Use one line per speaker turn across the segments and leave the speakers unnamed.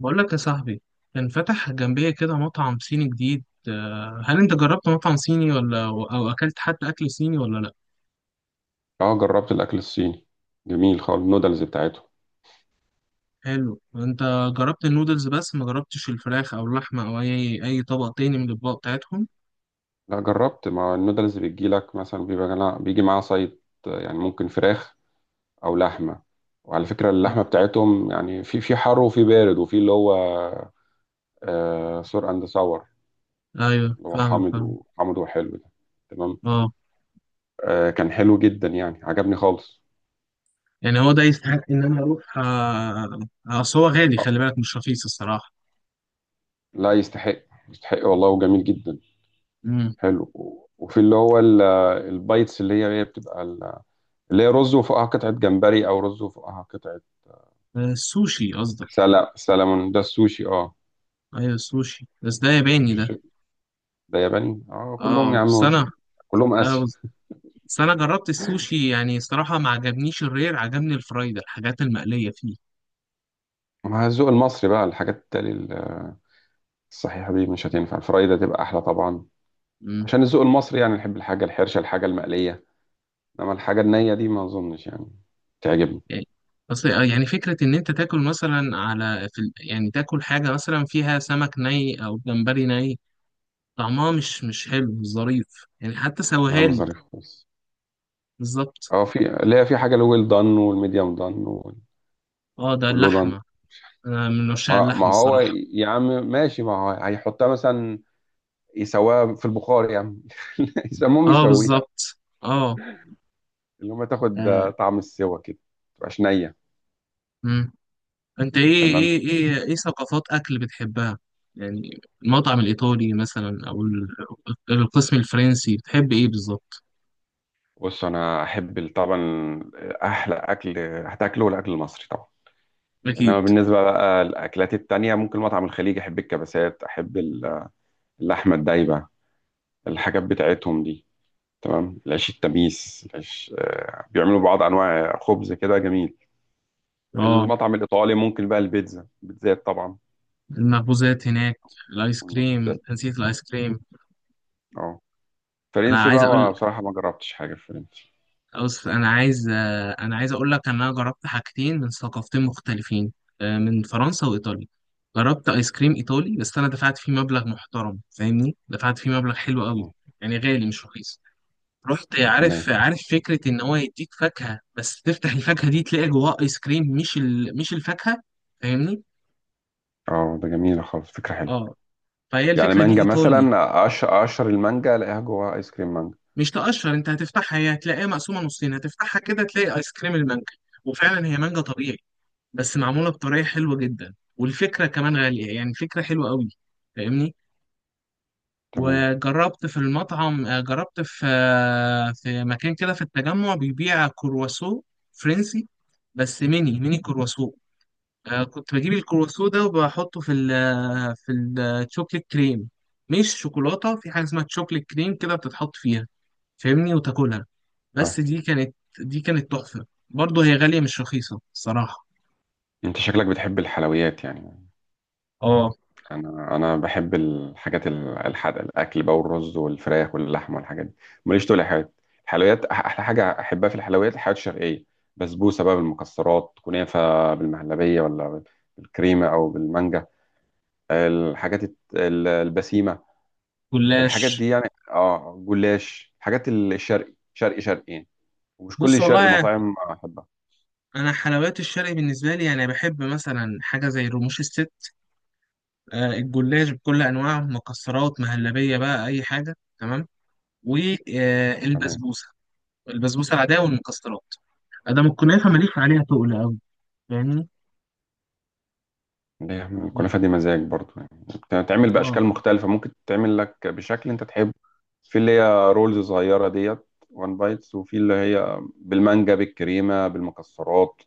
بقول لك يا صاحبي، كان فتح جنبية كده مطعم صيني جديد. هل انت جربت مطعم صيني ولا اكلت حتى اكل صيني ولا لا؟
اه، جربت الاكل الصيني، جميل خالص النودلز بتاعته.
حلو. انت جربت النودلز بس ما جربتش الفراخ او اللحمة او اي طبق تاني من الاطباق بتاعتهم.
لا، جربت مع النودلز بتجيلك مثلا بيبقى بيجي معاها صيد. يعني ممكن فراخ او لحمه. وعلى فكره
آه،
اللحمه بتاعتهم يعني في حر وفي بارد وفي اللي هو آه سور اند ساور،
ايوه،
اللي هو
فاهمك
حامض
فاهم.
وحامض وحلو ده. تمام.
اه
كان حلو جدا يعني عجبني خالص.
يعني هو ده يستحق ان انا اروح. اصل هو غالي، خلي
آه،
بالك مش رخيص الصراحة.
لا، يستحق، يستحق والله وجميل جدا.
امم.
حلو و- وفي اللي هو ال- البايتس اللي هي بتبقى اللي هي رز وفوقها قطعه جمبري او رز وفوقها قطعه
السوشي قصدك؟
سلمون. ده السوشي، اه.
ايوه، السوشي بس ده ياباني
مش
ده.
السوشي. ده ياباني اه، كلهم يا
اه،
عم
سنة.
كلهم آسيا.
بس انا جربت السوشي، يعني الصراحه ما عجبنيش الرير، عجبني الفرايد، الحاجات المقليه فيه.
مع الذوق المصري بقى الحاجات التالي الصحيحة دي مش هتنفع، الفرايدة تبقى أحلى طبعا.
امم.
عشان الذوق المصري يعني نحب الحاجة الحرشة، الحاجة المقلية. إنما الحاجة النية دي ما أظنش يعني تعجبني.
يعني اصل يعني فكره ان انت تاكل مثلا يعني تاكل حاجه مثلا فيها سمك ني او جمبري ني. طعمها مش حلو، مش ظريف. يعني حتى سويها
نعم،
لي.
ظريف خالص.
بالظبط.
اه، في اللي هي في حاجة الويل دان والميديوم دان
اه، ده
واللو دان.
اللحمه. انا من عشاق
ما
اللحمه
هو
الصراحه.
يا عم ماشي، ما هو هيحطها مثلا يسواها في البخار يا عم يسموهم
اه،
يسويها،
بالظبط. اه.
اللي هما تاخد
آه.
طعم السوا كده، متبقاش نية.
امم. انت ايه؟
تمام.
ايه ثقافات اكل بتحبها؟ يعني المطعم الايطالي مثلا، القسم الفرنسي، بتحب ايه بالظبط؟
بص، انا احب طبعا احلى اكل هتاكله الاكل المصري طبعا.
اكيد.
انما بالنسبه بقى للاكلات التانية، ممكن مطعم الخليج احب الكبسات، احب اللحمه الدايبه، الحاجات بتاعتهم دي. تمام. العيش التميس، العيش بيعملوا بعض انواع خبز كده جميل.
اه،
المطعم الايطالي ممكن بقى البيتزا، البيتزات طبعا
المخبوزات هناك. الايس كريم،
والمخبوزات.
نسيت الايس كريم.
اه.
انا
فرنسي
عايز
بقى، ما
اقول
بصراحه ما جربتش حاجه في فرنسي.
انا عايز اقول لك ان انا جربت حاجتين من ثقافتين مختلفين. من فرنسا وايطاليا. جربت ايس كريم ايطالي، بس انا دفعت فيه مبلغ محترم، فاهمني، دفعت فيه مبلغ حلو قوي.
مم.
يعني غالي مش رخيص. رحت، عارف
تمام.
عارف فكرة إن هو يديك فاكهة، بس تفتح الفاكهة دي تلاقي جواها آيس كريم، مش الفاكهة. فاهمني؟
اه، ده جميله خالص، فكره حلوه.
أه. فهي
يعني
الفكرة دي
مانجا
إيطالي.
مثلا، اقشر المانجا الاقيها جواها ايس كريم مانجا.
مش تقشر، أنت هتفتحها، هي هتلاقيها مقسومة نصين، هتفتحها كده تلاقي آيس كريم المانجا. وفعلا هي مانجا طبيعي. بس معمولة بطريقة حلوة جدا، والفكرة كمان غالية، يعني فكرة حلوة قوي. فاهمني؟
تمام.
وجربت في المطعم آه، جربت في آه، في مكان كده في التجمع بيبيع كرواسو فرنسي. بس ميني ميني كرواسو. كنت بجيب الكروسو سودا وبحطه في الشوكليت كريم. مش شوكولاتة، في حاجة اسمها تشوكليت كريم كده بتتحط فيها، فاهمني، وتاكلها. بس
اه،
دي كانت تحفة برضه، هي غالية مش رخيصة الصراحة.
انت شكلك بتحب الحلويات يعني.
اه،
انا بحب الحاجات الحادقه، الاكل بقى والرز والفراخ واللحمه والحاجات دي، ماليش تقول حاجات. الحلويات، احلى حاجه احبها في الحلويات، الحلويات الشرقيه، بسبوسه بقى بالمكسرات، كنافه بالمهلبيه ولا بالكريمه او بالمانجا، الحاجات البسيمه، الحاجات
جلاش.
دي يعني. اه، جلاش، الحاجات الشرقي شرقي شرقي يعني، ومش كل
بص
الشرقي
والله،
مطاعم احبها.
انا حلويات الشرق بالنسبة لي يعني بحب مثلا حاجة زي رموش الست. الجلاش بكل انواعه، مكسرات، مهلبية، بقى اي حاجة تمام.
تمام.
والبسبوسة العادية والمكسرات. ادام الكنافة ماليش عليها تقل. فاهمني.
ليه الكنافة دي مزاج برضو يعني، بتتعمل
اه.
بأشكال مختلفة، ممكن تتعمل لك بشكل أنت تحبه. في اللي هي رولز صغيرة ديت وان بايتس، وفي اللي هي بالمانجا بالكريمة بالمكسرات،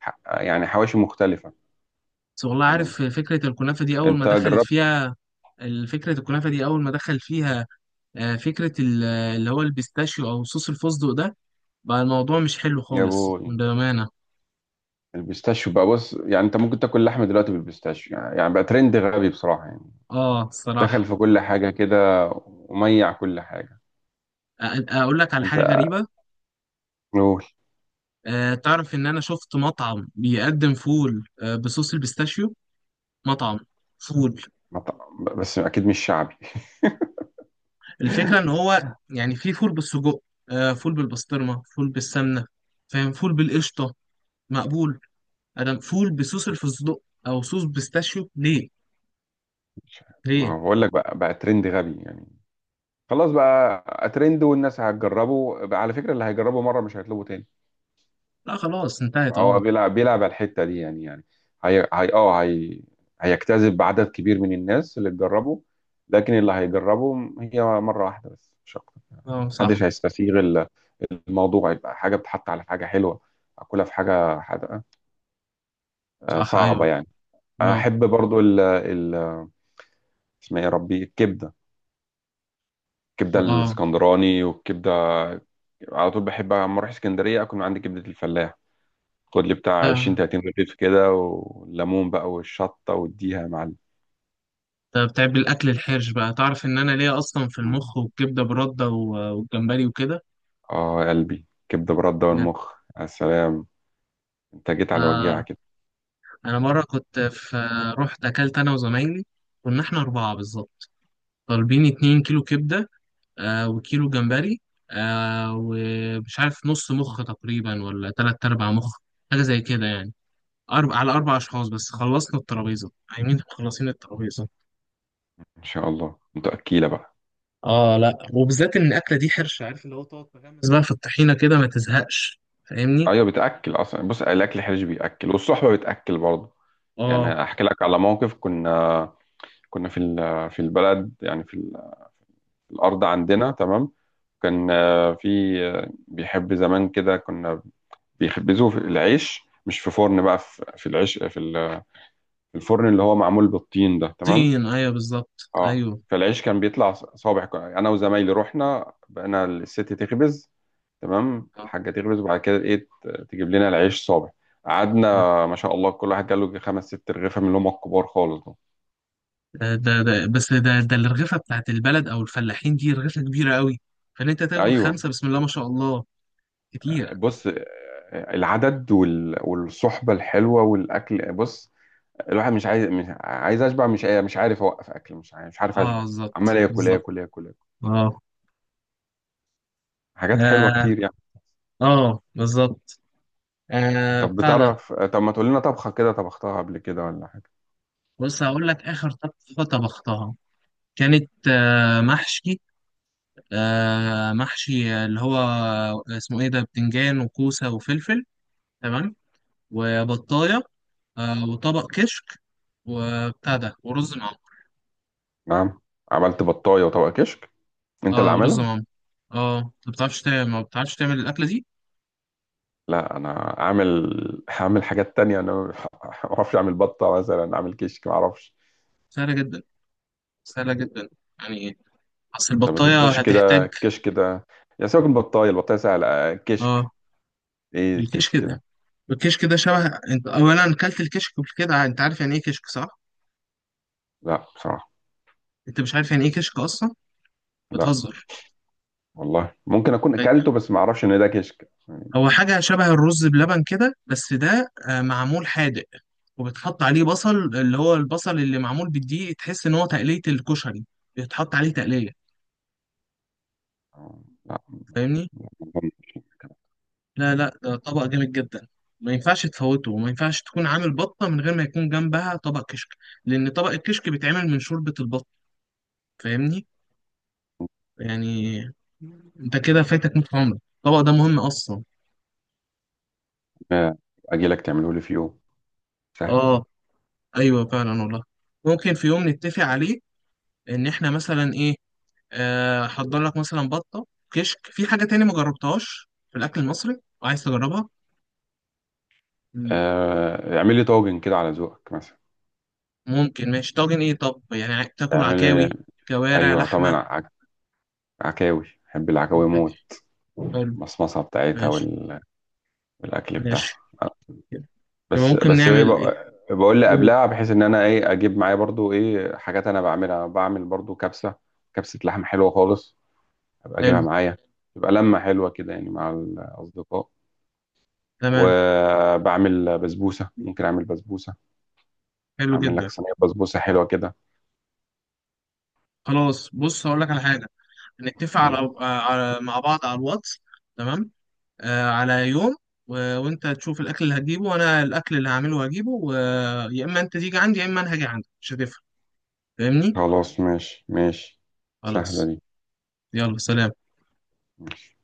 يعني حواشي مختلفة.
بس والله،
تمام.
عارف فكرة الكنافة دي أول ما
أنت
دخلت
جربت؟
فيها. فكرة الكنافة دي أول ما دخل فيها. فكرة اللي هو البيستاشيو أو صوص الفستق ده، بقى الموضوع مش حلو
يا
خالص
بو
بأمانة.
البيستاشيو بقى، بص، يعني أنت ممكن تاكل لحمة دلوقتي بالبيستاشيو، يعني يعني بقى ترند غبي بصراحة يعني.
اه،
دخل
الصراحة.
في كل حاجة كده، وميع كل حاجة.
أ- أقول لك على
أنت؟
حاجة غريبة.
قول.
تعرف إن أنا شفت مطعم بيقدم فول بصوص البيستاشيو. مطعم فول.
بس أكيد مش شعبي.
الفكرة إن هو يعني في فول بالسجق، فول بالبسطرمة، فول بالسمنة، فاهم، فول بالقشطة، مقبول. انا مقفول بصوص الفستق او صوص بيستاشيو ليه؟
مش عارف. ما
ليه؟
هو بقول لك بقى ترند غبي يعني. خلاص بقى، ترند والناس هتجربه بقى. على فكرة، اللي هيجربه مرة مش هيطلبه تاني.
لا خلاص انتهت.
هو
اه.
بيلعب على الحتة دي يعني يعني، هي هيجتذب عدد كبير من الناس اللي تجربه، لكن اللي هيجربه هي مرة واحدة بس مش أكتر.
اه، صح.
محدش هيستسيغ الموضوع، يبقى حاجة بتحط على حاجة حلوة أكلها في حاجة حادقة،
صح،
صعبة
ايوه،
يعني.
اه.
أحب برضو ال اسمها إيه يا ربي، الكبدة، الكبدة
اه.
الاسكندراني والكبدة. على طول بحب اما اروح اسكندريه اكل من عند كبده الفلاح، خد لي بتاع 20
ده
30 رغيف كده والليمون بقى والشطه واديها يا معلم.
ده بتعب الاكل الحرش بقى، تعرف ان انا ليا اصلا في
مم.
المخ والكبده برده والجمبري وكده.
اه يا قلبي، كبده برده
بجد.
والمخ. يا سلام، انت جيت على وجيعه
آه.
كده.
انا مره كنت في رحت اكلت انا وزمايلي. كنا احنا اربعه بالظبط. طالبين 2 كيلو كبده، وكيلو جمبري، ومش عارف نص مخ تقريبا ولا تلات ارباع مخ. حاجه زي كده يعني. على أربع أشخاص بس، خلصنا الترابيزة عايمين، مخلصين الترابيزة.
ان شاء الله انت اكيله بقى.
لأ، وبالذات إن الأكلة دي حرش، عارف اللي هو تقعد تغمس بقى في الطحينة كده ما تزهقش. فاهمني؟
ايوه، بتاكل اصلا، بص الاكل حرج بياكل والصحبه بتاكل برضه.
آه.
يعني احكي لك على موقف، كنا في البلد يعني في الارض عندنا. تمام. كان في بيحب زمان كده، كنا بيخبزوه في العيش مش في فرن بقى، في العيش في في الفرن اللي هو معمول بالطين ده. تمام.
طين، أيوه بالظبط
اه،
أيوه.
فالعيش كان بيطلع صابع انا وزمايلي رحنا، بقينا الست تخبز. تمام. الحاجه تخبز، وبعد كده ايه تجيب لنا العيش صابع.
آه.
قعدنا ما شاء الله، كل واحد جاله يجي خمس ست رغيفه من اللي هم الكبار خالص دول.
بس ده الرغيفة بتاعت البلد أو الفلاحين دي رغيفة كبيرة قوي. فإن أنت تاكل
ايوه.
خمسة، بسم الله ما شاء الله. كتير.
بص، العدد والصحبه الحلوه والاكل، بص الواحد مش عايز اشبع، مش عارف اوقف اكل، مش عارف اشبع. عمال
بالظبط
اكل
بالظبط.
اكل اكل اكل،
آه.
حاجات حلوه
آه,
كتير يعني.
آه، بالظبط. آه،
طب
بتاع ده.
بتعرف، طب ما تقول لنا طبخه كده طبختها قبل كده ولا حاجه.
بص، هقول لك آخر طبخة طبختها. كانت محشي اللي هو اسمه ايه ده، بتنجان وكوسة وفلفل. تمام. وبطاية، وطبق كشك وبتاع ده ورز معمر.
نعم؟ عملت بطايه وطبق كشك، انت اللي
اه، ورز
عاملها؟
معمر. اه، انت ما بتعرفش تعمل الأكلة دي.
لا، انا عامل، هعمل حاجات تانية، انا ما اعرفش اعمل بطه مثلا، اعمل كشك ما اعرفش.
سهلة جدا، سهلة جدا. يعني ايه؟ اصل
طب
البطاية
الكشك ده،
هتحتاج.
الكشك ده، يا سيبك من البطايه، البطايه سهله، كشك
اه،
ايه
الكشك
الكشك ده؟
ده، الكشك ده شبه. انت اولا اكلت الكشك قبل كده؟ انت عارف يعني ايه كشك، صح؟
لا بصراحه.
انت مش عارف يعني ايه كشك اصلا؟
لا.
بتهزر.
والله ممكن اكون اكلته بس ما اعرفش ان ده كشك.
هو حاجة شبه الرز بلبن كده، بس ده معمول حادق. وبتحط عليه بصل، اللي هو البصل اللي معمول بالدقيق، تحس إن هو تقلية الكشري. بيتحط عليه تقلية.
آه، لا ما أظنش.
فاهمني؟ لا، لا، ده طبق جامد جدا. ما ينفعش تفوته، وما ينفعش تكون عامل بطة من غير ما يكون جنبها طبق كشك. لأن طبق الكشك بيتعمل من شوربة البط. فاهمني؟ يعني أنت كده فايتك نص عمرك، الطبق ده مهم أصلا.
ممكن اجي لك تعمله لي في يوم، سهل.
آه، أيوه فعلا والله. ممكن في يوم نتفق عليه، إن إحنا مثلا إيه، هحضر لك مثلا بطه كشك، في حاجه تاني ما جربتهاش في الاكل المصري وعايز تجربها؟ مم.
اعمل لي طاجن كده على ذوقك مثلا.
ممكن، ماشي. طاجن ايه؟ طب يعني تاكل
اعمل لي.
عكاوي، كوارع
ايوه طبعا،
لحمه؟
عكاوي، بحب العكاوي موت،
عادي. حلو.
المصمصه بتاعتها
ماشي.
وال... والاكل بتاعها.
ماشي. يبقى
بس
ممكن
بس ايه،
نعمل ايه؟
بقول لي
قول.
قبلها بحيث ان انا ايه اجيب معايا برضو ايه حاجات انا بعملها، بعمل برضو كبسه، كبسه لحم حلوه خالص، ابقى اجيبها
حلو.
معايا، تبقى لمه حلوه كده يعني مع الاصدقاء.
تمام.
وبعمل بسبوسه، ممكن اعمل بسبوسه،
حلو
هعمل لك
جدا.
صينية بسبوسة حلوة كده.
خلاص، بص، هقول لك على حاجه. نتفق على, آه، على مع بعض على الواتس. تمام. على يوم. وانت تشوف الاكل اللي هتجيبه، وانا الاكل اللي هعمله هجيبه، يا اما انت تيجي عندي، يا اما انا هاجي عندك، مش هتفرق. فاهمني.
خلاص ماشي ماشي. سهلة
خلاص.
دي.
يلا، سلام.
ماشي.